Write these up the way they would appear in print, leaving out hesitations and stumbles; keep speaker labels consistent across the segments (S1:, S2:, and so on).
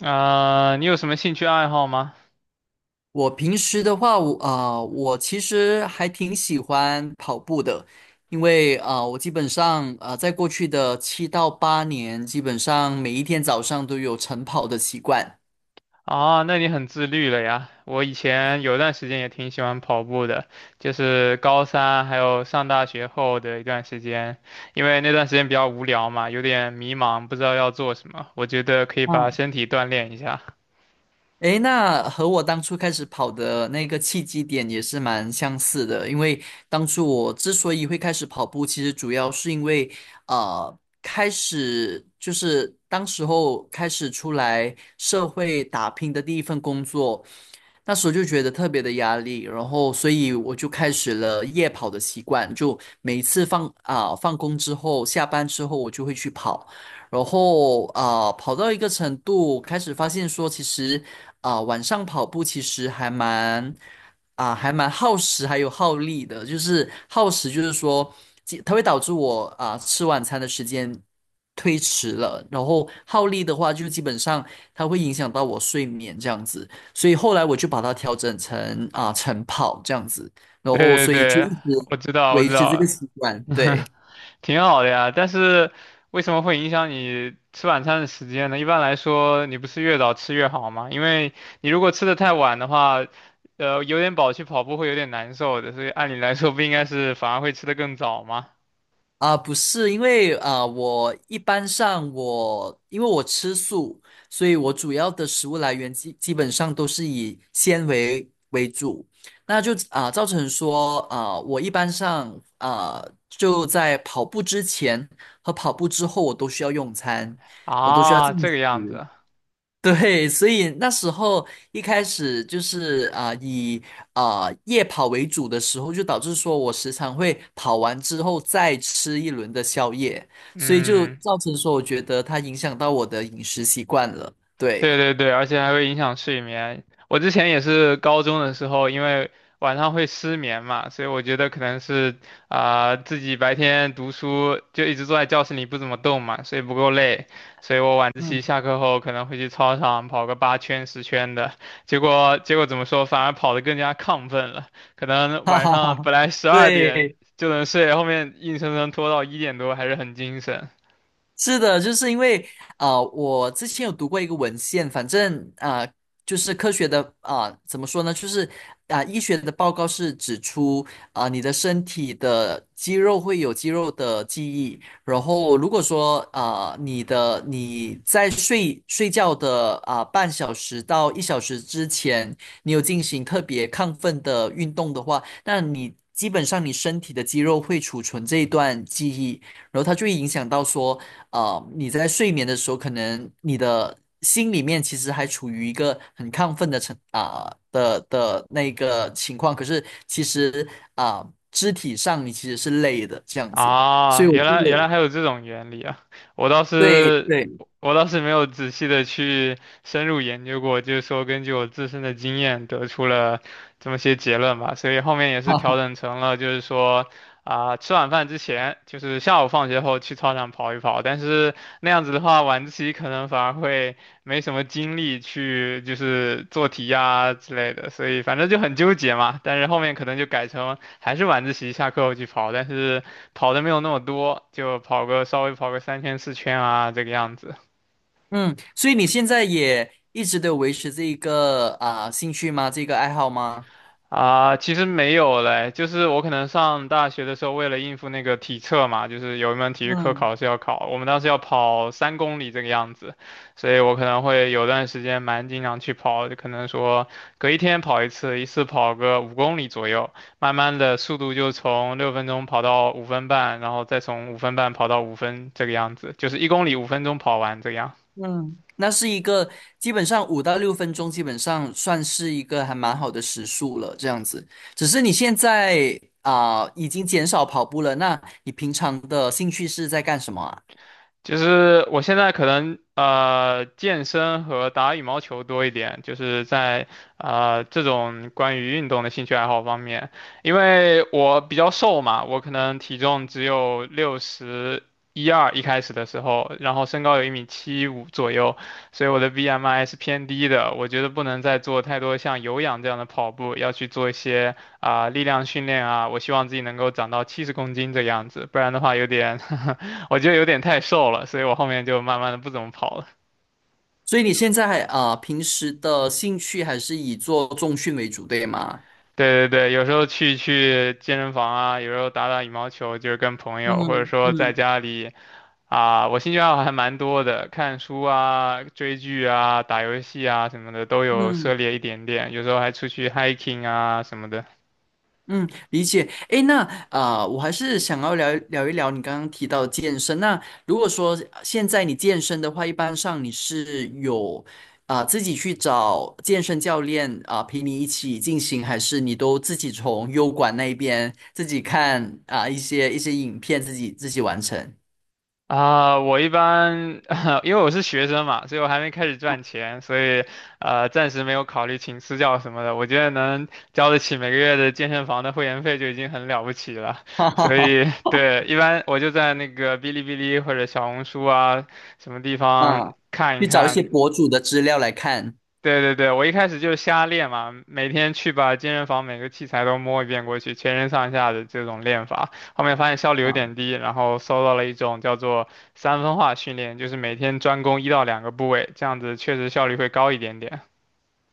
S1: 啊、你有什么兴趣爱好吗？
S2: 我平时的话，我其实还挺喜欢跑步的，因为我基本上在过去的7到8年，基本上每一天早上都有晨跑的习惯。
S1: 啊，那你很自律了呀。我以前有段时间也挺喜欢跑步的，就是高三还有上大学后的一段时间，因为那段时间比较无聊嘛，有点迷茫，不知道要做什么。我觉得可以把
S2: 嗯。
S1: 身体锻炼一下。
S2: 诶，那和我当初开始跑的那个契机点也是蛮相似的，因为当初我之所以会开始跑步，其实主要是因为，呃，开始就是当时候开始出来社会打拼的第一份工作，那时候就觉得特别的压力，然后所以我就开始了夜跑的习惯，就每一次放工之后，下班之后我就会去跑。然后跑到一个程度，开始发现说，其实晚上跑步其实还蛮耗时，还有耗力的。就是耗时，就是说即它会导致我吃晚餐的时间推迟了，然后耗力的话，就基本上它会影响到我睡眠这样子。所以后来我就把它调整成晨跑这样子，然后
S1: 对对
S2: 所以就一
S1: 对，
S2: 直
S1: 我知道，我
S2: 维
S1: 知
S2: 持这个
S1: 道。
S2: 习惯，对。
S1: 挺好的呀，但是为什么会影响你吃晚餐的时间呢？一般来说，你不是越早吃越好吗？因为你如果吃的太晚的话，有点饱去跑步会有点难受的，所以按理来说不应该是反而会吃的更早吗？
S2: 啊，不是，因为我吃素，所以我主要的食物来源基本上都是以纤维为主，那就造成说啊，我一般上就在跑步之前和跑步之后，我都需要用餐，我都需要
S1: 啊，
S2: 进
S1: 这个样
S2: 食。
S1: 子，
S2: 对，所以那时候一开始就是以夜跑为主的时候，就导致说我时常会跑完之后再吃一轮的宵夜，所以就
S1: 嗯。
S2: 造成说我觉得它影响到我的饮食习惯了。对，
S1: 对对对，而且还会影响睡眠。我之前也是高中的时候，因为晚上会失眠嘛，所以我觉得可能是自己白天读书就一直坐在教室里不怎么动嘛，所以不够累，所以我晚自习
S2: 嗯，
S1: 下 课后可能会去操场跑个8圈10圈的，结果怎么说，反而跑得更加亢奋了，可能
S2: 哈
S1: 晚
S2: 哈
S1: 上
S2: 哈，
S1: 本来12点
S2: 对，
S1: 就能睡，后面硬生生拖到1点多还是很精神。
S2: 是的，就是因为我之前有读过一个文献，反正就是科学的怎么说呢？就是医学的报告是指出你的身体的肌肉会有肌肉的记忆，然后如果说你在睡觉的半小时到1小时之前，你有进行特别亢奋的运动的话，那你基本上你身体的肌肉会储存这一段记忆，然后它就会影响到说。啊，你在睡眠的时候，可能你的心里面其实还处于一个很亢奋的成啊、的的那个情况，可是其实啊、肢体上你其实是累的这样子，所
S1: 啊，
S2: 以我就
S1: 原来还有这种原理啊！我倒
S2: 对
S1: 是
S2: 对，
S1: 我倒是没有仔细的去深入研究过，就是说根据我自身的经验得出了这么些结论吧，所以后面也 是调
S2: 哈，
S1: 整成了就是说吃晚饭之前，就是下午放学后去操场跑一跑，但是那样子的话，晚自习可能反而会没什么精力去就是做题呀、之类的，所以反正就很纠结嘛。但是后面可能就改成还是晚自习下课后去跑，但是。跑的没有那么多，就跑个稍微跑个3圈4圈啊，这个样子
S2: 嗯，所以你现在也一直都有维持这一个兴趣吗？这个爱好吗？
S1: 啊。其实没有嘞，就是我可能上大学的时候，为了应付那个体测嘛，就是有一门体育课
S2: 嗯
S1: 考试要考，我们当时要跑3公里这个样子，所以我可能会有段时间蛮经常去跑，就可能说隔一天跑一次，一次跑个5公里左右，慢慢的速度就从6分钟跑到五分半，然后再从五分半跑到五分这个样子，就是1公里5分钟跑完这个样。
S2: 嗯，那是一个基本上5到6分钟，基本上算是一个还蛮好的时速了，这样子。只是你现在已经减少跑步了，那你平常的兴趣是在干什么啊？
S1: 就是我现在可能健身和打羽毛球多一点，就是在这种关于运动的兴趣爱好方面，因为我比较瘦嘛，我可能体重只有六十一二一开始的时候，然后身高有1米75左右，所以我的 BMI 是偏低的。我觉得不能再做太多像有氧这样的跑步，要去做一些力量训练啊。我希望自己能够长到70公斤这个样子，不然的话有点 我觉得有点太瘦了，所以我后面就慢慢的不怎么跑了。
S2: 所以你现在还平时的兴趣还是以做重训为主，对吗？
S1: 对对对，有时候去健身房啊，有时候打打羽毛球，就是跟朋友，或者
S2: 嗯
S1: 说在
S2: 嗯
S1: 家里啊，我兴趣爱好还蛮多的，看书啊、追剧啊、打游戏啊什么的都有涉
S2: 嗯。
S1: 猎一点点，有时候还出去 hiking 啊什么的。
S2: 嗯，理解。诶，那我还是想要聊一聊你刚刚提到健身。那如果说现在你健身的话，一般上你是有自己去找健身教练啊、陪你一起进行，还是你都自己从优管那边自己看一些影片自己完成？
S1: 我一般 因为我是学生嘛，所以我还没开始赚钱，所以暂时没有考虑请私教什么的。我觉得能交得起每个月的健身房的会员费就已经很了不起了。
S2: 哈哈
S1: 所
S2: 哈，
S1: 以对，一般我就在那个哔哩哔哩或者小红书啊什么地方
S2: 啊，
S1: 看一
S2: 去找一些
S1: 看，
S2: 博主的资料来看。
S1: 对对对，我一开始就是瞎练嘛，每天去把健身房每个器材都摸一遍过去，全身上下的这种练法。后面发现效率有点
S2: 啊。
S1: 低，然后搜到了一种叫做三分化训练，就是每天专攻一到两个部位，这样子确实效率会高一点点。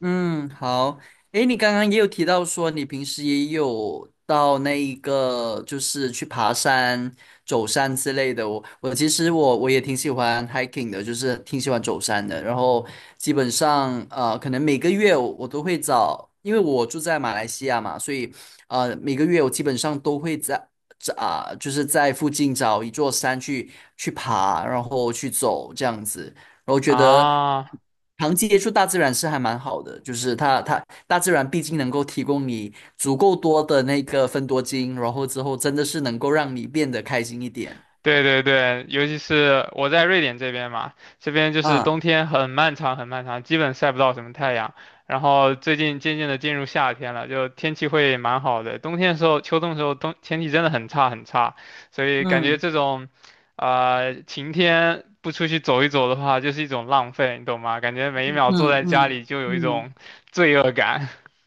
S2: 嗯，好。诶，你刚刚也有提到说你平时也有到那一个，就是去爬山、走山之类的。我其实我也挺喜欢 hiking 的，就是挺喜欢走山的。然后基本上可能每个月我都会找，因为我住在马来西亚嘛，所以每个月我基本上都会在在啊、就是在附近找一座山去爬，然后去走这样子。我觉得
S1: 啊，
S2: 长期接触大自然是还蛮好的，就是它大自然毕竟能够提供你足够多的那个分多精，然后之后真的是能够让你变得开心一点。
S1: 对对对，尤其是我在瑞典这边嘛，这边就是
S2: 啊，
S1: 冬天很漫长很漫长，基本晒不到什么太阳。然后最近渐渐的进入夏天了，就天气会蛮好的。冬天的时候、秋冬的时候，冬天气真的很差很差，所以感觉
S2: 嗯
S1: 这种，啊晴天不出去走一走的话，就是一种浪费，你懂吗？感觉每一秒坐
S2: 嗯
S1: 在家
S2: 嗯。
S1: 里就有一
S2: 嗯
S1: 种罪恶感。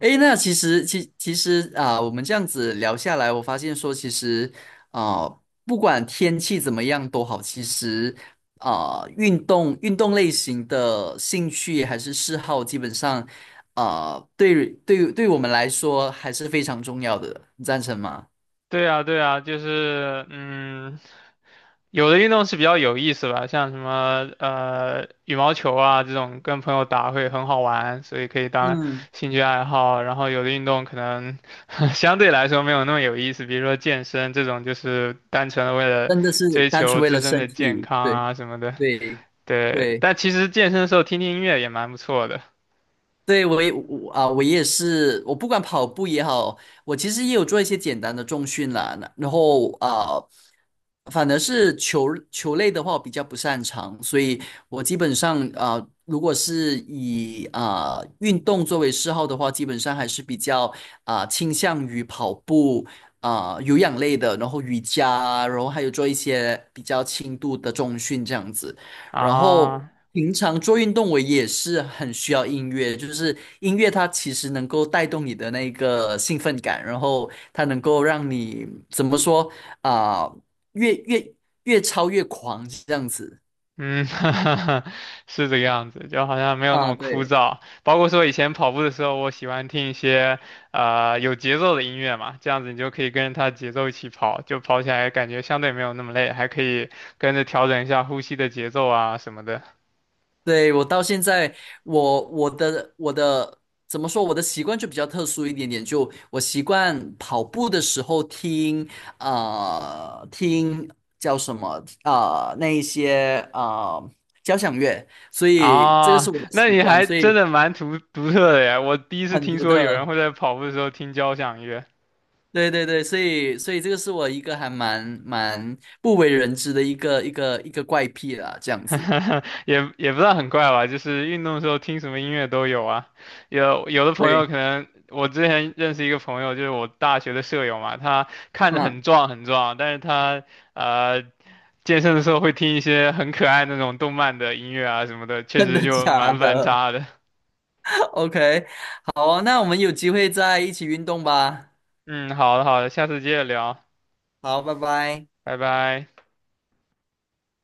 S2: 诶，那其实，其实啊，我们这样子聊下来，我发现说，其实啊，不管天气怎么样都好，其实啊，运动类型的兴趣还是嗜好，基本上啊，对我们来说还是非常重要的，你赞成吗？
S1: 对啊，对啊，就是嗯。有的运动是比较有意思吧，像什么羽毛球啊这种，跟朋友打会很好玩，所以可以当
S2: 嗯，
S1: 兴趣爱好。然后有的运动可能 相对来说没有那么有意思，比如说健身这种，就是单纯的为了
S2: 真的是
S1: 追
S2: 单
S1: 求
S2: 纯为
S1: 自
S2: 了
S1: 身
S2: 身
S1: 的健
S2: 体，
S1: 康
S2: 对
S1: 啊什么的。
S2: 对
S1: 对，
S2: 对。
S1: 但其实健身的时候听听音乐也蛮不错的
S2: 对，我也是，我不管跑步也好，我其实也有做一些简单的重训啦。那然后反而是球类的话，我比较不擅长，所以我基本上啊，如果是以运动作为嗜好的话，基本上还是比较倾向于跑步啊有氧类的，然后瑜伽啊，然后还有做一些比较轻度的重训这样子。然后
S1: 啊。
S2: 平常做运动，我也是很需要音乐，就是音乐它其实能够带动你的那个兴奋感，然后它能够让你怎么说啊、越越越超越狂这样子
S1: 嗯，哈哈哈，是这个样子，就好像没有那
S2: 啊，
S1: 么枯
S2: 对。
S1: 燥。包括说以前跑步的时候，我喜欢听一些有节奏的音乐嘛，这样子你就可以跟着它节奏一起跑，就跑起来感觉相对没有那么累，还可以跟着调整一下呼吸的节奏啊什么的。
S2: 对，我到现在，我的怎么说？我的习惯就比较特殊一点点，就我习惯跑步的时候听叫什么啊？那一些交响乐，所以这个是
S1: 啊，
S2: 我的
S1: 那
S2: 习
S1: 你
S2: 惯，
S1: 还
S2: 所
S1: 真
S2: 以
S1: 的蛮独特的呀！我第一次
S2: 很
S1: 听
S2: 独
S1: 说有人
S2: 特。
S1: 会在跑步的时候听交响乐。
S2: 对对对，所以这个是我一个还蛮不为人知的一个怪癖啦，这样子。
S1: 也不算很怪吧，就是运动的时候听什么音乐都有啊。有的朋友
S2: 对，
S1: 可能，我之前认识一个朋友，就是我大学的舍友嘛，他看着很
S2: 嗯，
S1: 壮很壮，但是他呃健身的时候会听一些很可爱那种动漫的音乐啊什么的，确
S2: 真
S1: 实
S2: 的
S1: 就
S2: 假
S1: 蛮反
S2: 的？
S1: 差的。
S2: OK，好啊，那我们有机会再一起运动吧。
S1: 嗯，好的好的，下次接着聊，
S2: 好，拜拜。
S1: 拜拜。